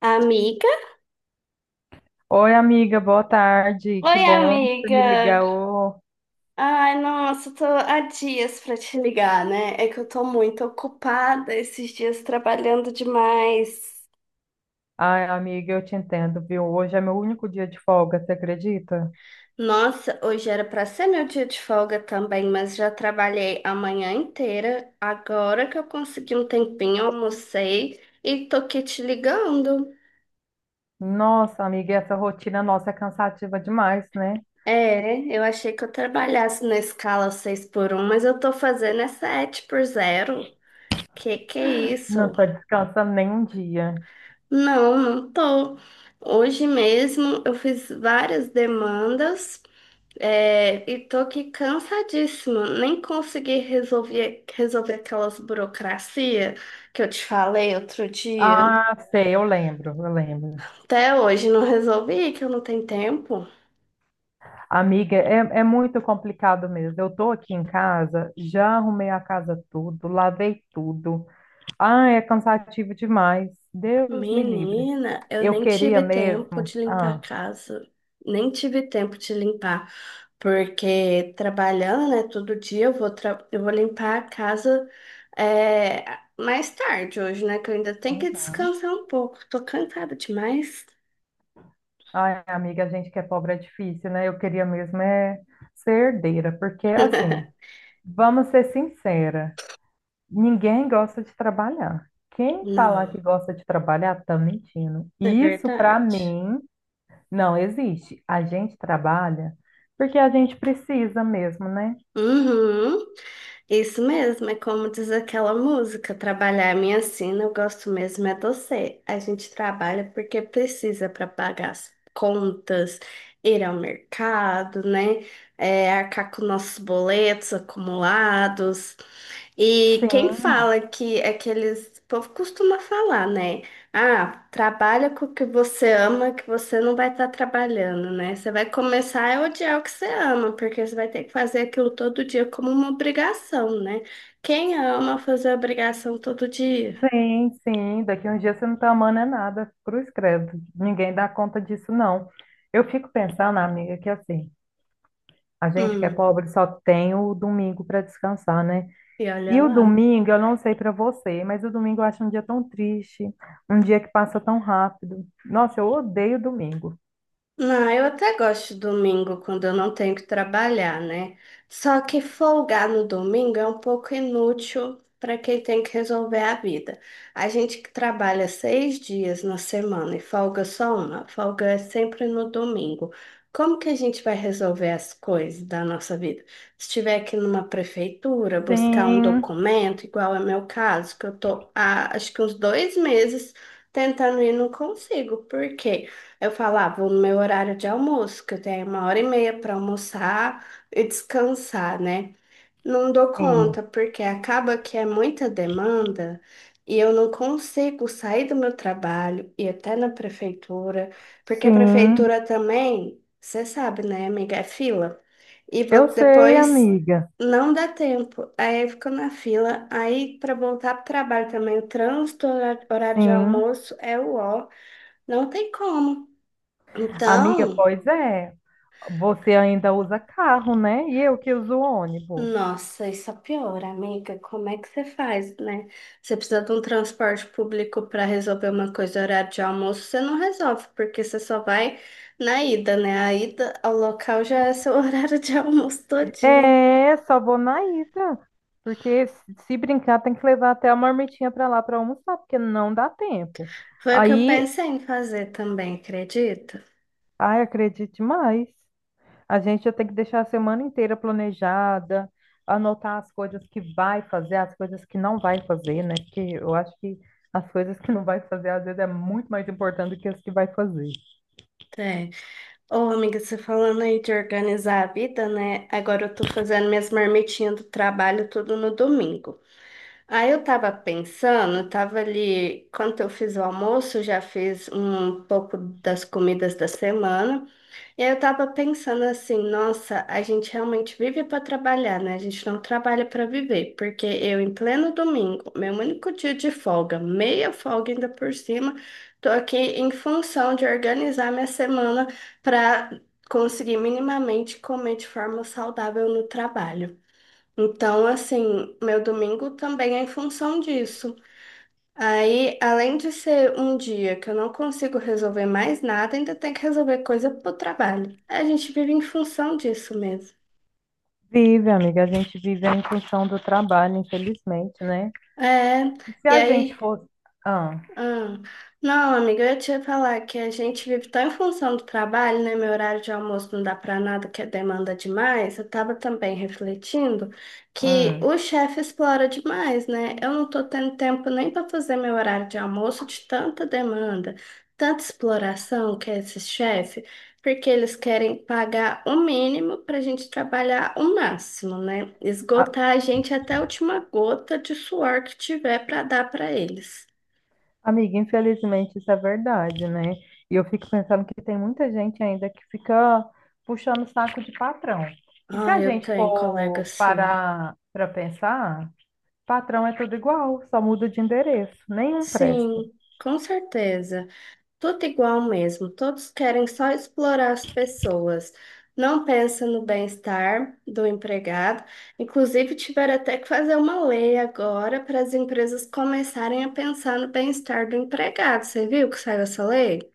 Amiga? Oi, amiga, boa tarde. Que Oi, bom que você me amiga. ligou. Ai, nossa, tô há dias pra te ligar, né? É que eu tô muito ocupada esses dias trabalhando demais. Ai, amiga, eu te entendo, viu? Hoje é meu único dia de folga, você acredita? Nossa, hoje era pra ser meu dia de folga também, mas já trabalhei a manhã inteira. Agora que eu consegui um tempinho, almocei e tô aqui te ligando. Nossa, amiga, essa rotina nossa é cansativa demais, né? É, eu achei que eu trabalhasse na escala 6 por um, mas eu tô fazendo é 7 por zero. Que é isso? Não tô descansando nem um dia. Não, não tô. Hoje mesmo eu fiz várias demandas, e tô aqui cansadíssima. Nem consegui resolver aquelas burocracia que eu te falei outro dia. Ah, sei, eu lembro, eu lembro. Até hoje não resolvi, que eu não tenho tempo. Amiga, é muito complicado mesmo. Eu tô aqui em casa, já arrumei a casa tudo, lavei tudo. Ah, é cansativo demais. Deus me livre. Menina, eu Eu nem queria tive tempo mesmo. de limpar a Ah. casa, nem tive tempo de limpar, porque trabalhando, né, todo dia eu vou, eu vou limpar a casa é, mais tarde hoje, né, que eu ainda tenho que descansar um pouco, tô cansada demais. Ai, amiga, a gente que é pobre é difícil, né? Eu queria mesmo é ser herdeira, porque assim, vamos ser sincera, ninguém gosta de trabalhar. Quem falar Não, que gosta de trabalhar tá mentindo. é Isso para verdade. mim não existe. A gente trabalha porque a gente precisa mesmo, né? Uhum. Isso mesmo, é como diz aquela música, trabalhar é minha sina, eu gosto mesmo é você. A gente trabalha porque precisa para pagar as contas, ir ao mercado, né? É, arcar com nossos boletos acumulados. E quem Sim, fala que é que eles, o povo costuma falar, né? Ah, trabalha com o que você ama, que você não vai estar trabalhando, né? Você vai começar a odiar o que você ama, porque você vai ter que fazer aquilo todo dia como uma obrigação, né? Quem ama fazer obrigação todo dia? sim, sim. Daqui uns dias você não tá amando é nada, cruz credo. Ninguém dá conta disso, não. Eu fico pensando, amiga, que assim. A gente que é Hum, pobre só tem o domingo para descansar, né? e olha E o lá. domingo, eu não sei para você, mas o domingo eu acho um dia tão triste, um dia que passa tão rápido. Nossa, eu odeio domingo. Não, eu até gosto de domingo quando eu não tenho que trabalhar, né? Só que folgar no domingo é um pouco inútil para quem tem que resolver a vida. A gente que trabalha seis dias na semana e folga só uma, folga é sempre no domingo. Como que a gente vai resolver as coisas da nossa vida? Se estiver aqui numa prefeitura, buscar um Sim, documento, igual é meu caso, que eu tô há acho que uns dois meses tentando e não consigo. Por quê? Eu falava, vou no meu horário de almoço, que eu tenho uma hora e meia para almoçar e descansar, né? Não dou sim, conta, porque acaba que é muita demanda e eu não consigo sair do meu trabalho e até na prefeitura, porque a sim. prefeitura também, você sabe, né, amiga, é fila. E Eu sei, depois amiga. não dá tempo. Aí eu fico na fila. Aí para voltar para o trabalho também, o trânsito, horário de Sim. almoço é o ó. Não tem como. Amiga, Então, pois é. Você ainda usa carro, né? E eu que uso ônibus. nossa, isso é pior, amiga. Como é que você faz, né? Você precisa de um transporte público para resolver uma coisa, horário de almoço, você não resolve, porque você só vai na ida, né? A ida ao local já é seu horário de almoço todinho. É, só vou na ida. Porque se brincar, tem que levar até a marmitinha pra lá pra almoçar, porque não dá tempo. Foi o que eu Aí, pensei em fazer também, acredita? ai, acredite mais. A gente já tem que deixar a semana inteira planejada, anotar as coisas que vai fazer, as coisas que não vai fazer, né? Porque eu acho que as coisas que não vai fazer, às vezes, é muito mais importante do que as que vai fazer. É. Ô, amiga, você falando aí de organizar a vida, né? Agora eu tô fazendo minhas marmitinhas do trabalho tudo no domingo. Aí eu tava pensando, eu tava ali, quando eu fiz o almoço, já fiz um pouco das comidas da semana, e aí eu tava pensando assim, nossa, a gente realmente vive para trabalhar, né? A gente não trabalha para viver, porque eu em pleno domingo, meu único dia de folga, meia folga ainda por cima, tô aqui em função de organizar minha semana para conseguir minimamente comer de forma saudável no trabalho. Então, assim, meu domingo também é em função disso. Aí, além de ser um dia que eu não consigo resolver mais nada, ainda tem que resolver coisa pro trabalho. A gente vive em função disso mesmo. Vive, amiga, a gente vive em função do trabalho, infelizmente, né? É, E se e a gente aí fosse. Ah, Ah, não, amiga, eu ia te falar que a gente vive tão em função do trabalho, né? Meu horário de almoço não dá pra nada, que demanda demais. Eu tava também refletindo que hum. o chefe explora demais, né? Eu não tô tendo tempo nem pra fazer meu horário de almoço de tanta demanda, tanta exploração que é esse chefe, porque eles querem pagar o mínimo pra gente trabalhar o máximo, né? Esgotar a gente até a última gota de suor que tiver pra dar pra eles. Amiga, infelizmente isso é verdade, né? E eu fico pensando que tem muita gente ainda que fica puxando o saco de patrão. E se Ah, a eu gente tenho colega, for sim. parar para pensar, patrão é tudo igual, só muda de endereço, nenhum presta. Sim, com certeza. Tudo igual mesmo. Todos querem só explorar as pessoas. Não pensa no bem-estar do empregado. Inclusive, tiveram até que fazer uma lei agora para as empresas começarem a pensar no bem-estar do empregado. Você viu que saiu essa lei?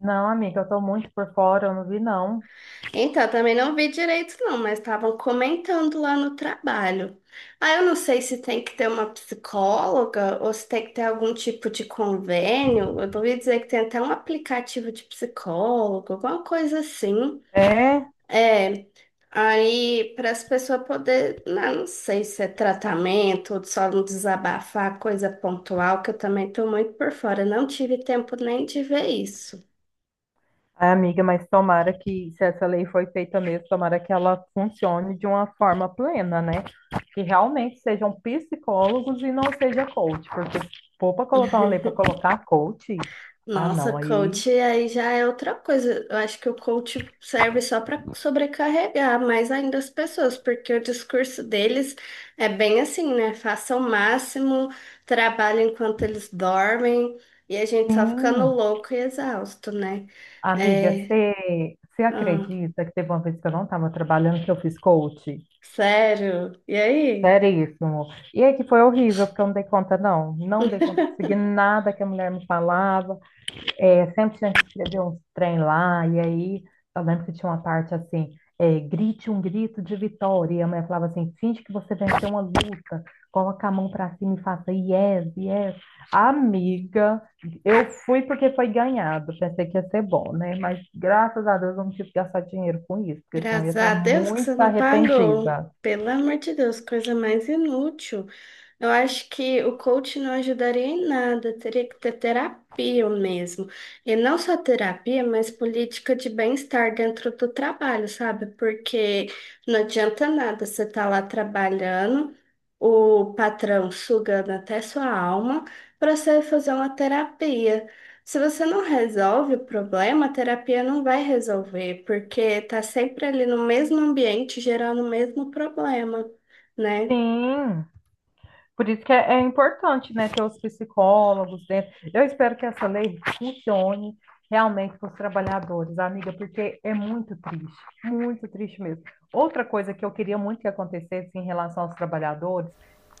Não, amiga, eu tô muito por fora, eu não vi não. Então, eu também não vi direito, não, mas estavam comentando lá no trabalho. Ah, eu não sei se tem que ter uma psicóloga ou se tem que ter algum tipo de convênio. Eu ouvi dizer que tem até um aplicativo de psicólogo, alguma coisa assim. É. É, aí para as pessoas poderem, não, não sei se é tratamento ou só não desabafar, coisa pontual, que eu também estou muito por fora. Não tive tempo nem de ver isso. Ai, amiga, mas tomara que, se essa lei foi feita mesmo, tomara que ela funcione de uma forma plena, né? Que realmente sejam psicólogos e não seja coach, porque se for para colocar uma lei para colocar coach, ah, Nossa, não, aí coach aí já é outra coisa. Eu acho que o coach serve só para sobrecarregar mais ainda as pessoas, porque o discurso deles é bem assim, né? Façam o máximo, trabalhem enquanto eles dormem, e a gente só ficando sim. louco e exausto, né? Amiga, É, você ah, acredita que teve uma vez que eu não estava trabalhando que eu fiz coach? sério. E aí? Seríssimo. E aí que foi horrível, porque eu não dei conta, não. Não dei conta de seguir nada que a mulher me falava. É, sempre tinha que escrever uns trem lá, e aí eu lembro que tinha uma parte assim, grite um grito de vitória, e a mulher falava assim, finge que você venceu uma luta, coloca a mão pra cima e faça yes, yes. Amiga, eu fui porque foi ganhado, pensei que ia ser bom, né? Mas graças a Deus eu não tive que gastar dinheiro com isso, porque senão eu ia Graças estar a Deus que você muito não pagou. arrependida. Pelo amor de Deus, coisa mais inútil. Eu acho que o coach não ajudaria em nada, teria que ter terapia mesmo. E não só terapia, mas política de bem-estar dentro do trabalho, sabe? Porque não adianta nada você estar lá trabalhando, o patrão sugando até sua alma, para você fazer uma terapia. Se você não resolve o problema, a terapia não vai resolver, porque tá sempre ali no mesmo ambiente, gerando o mesmo problema, né? Sim. Por isso que é importante, né, ter os psicólogos dentro. Eu espero que essa lei funcione realmente para os trabalhadores, amiga, porque é muito triste mesmo. Outra coisa que eu queria muito que acontecesse em relação aos trabalhadores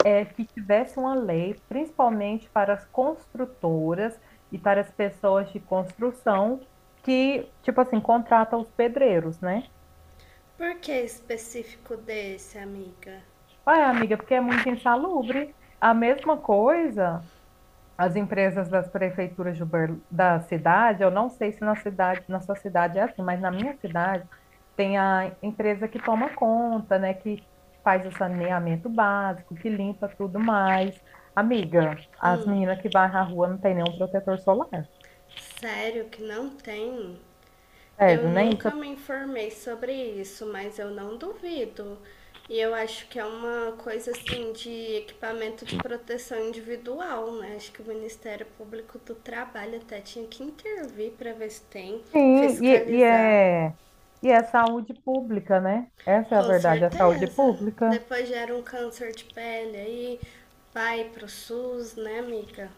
é que tivesse uma lei, principalmente para as construtoras e para as pessoas de construção que, tipo assim, contratam os pedreiros, né? Por que específico desse, amiga? Ué, amiga, porque é muito insalubre. A mesma coisa as empresas das prefeituras da cidade, eu não sei se na cidade, na sua cidade é assim, mas na minha cidade tem a empresa que toma conta, né, que faz o saneamento básico, que limpa tudo mais. Amiga, as Hum, meninas que vai na rua não tem nenhum protetor solar. sério que não tem? Eu Sério, né? Nunca me informei sobre isso, mas eu não duvido. E eu acho que é uma coisa assim de equipamento de proteção individual, né? Acho que o Ministério Público do Trabalho até tinha que intervir para ver se tem, Sim, e fiscalizar. é saúde pública, né? Essa é a Com verdade, é saúde certeza. pública. Depois gera um câncer de pele aí, vai pro SUS, né, amiga?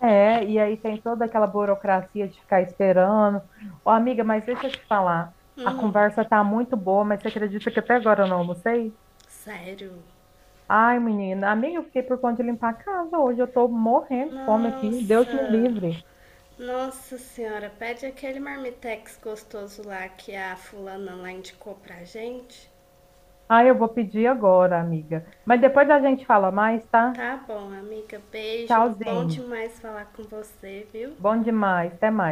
É, e aí tem toda aquela burocracia de ficar esperando. Ô, amiga, mas deixa eu te falar. A Hum, conversa tá muito boa, mas você acredita que até agora eu não almocei? sério. Ai, menina, amiga, eu fiquei por conta de limpar a casa hoje. Eu tô morrendo de fome aqui. Deus me Nossa, livre. nossa senhora, pede aquele marmitex gostoso lá que a fulana lá indicou pra gente. Ai, eu vou pedir agora, amiga. Mas depois a gente fala mais, tá? Tá bom, amiga, beijo. Bom Tchauzinho. demais falar com você, viu? Bom demais. Até mais.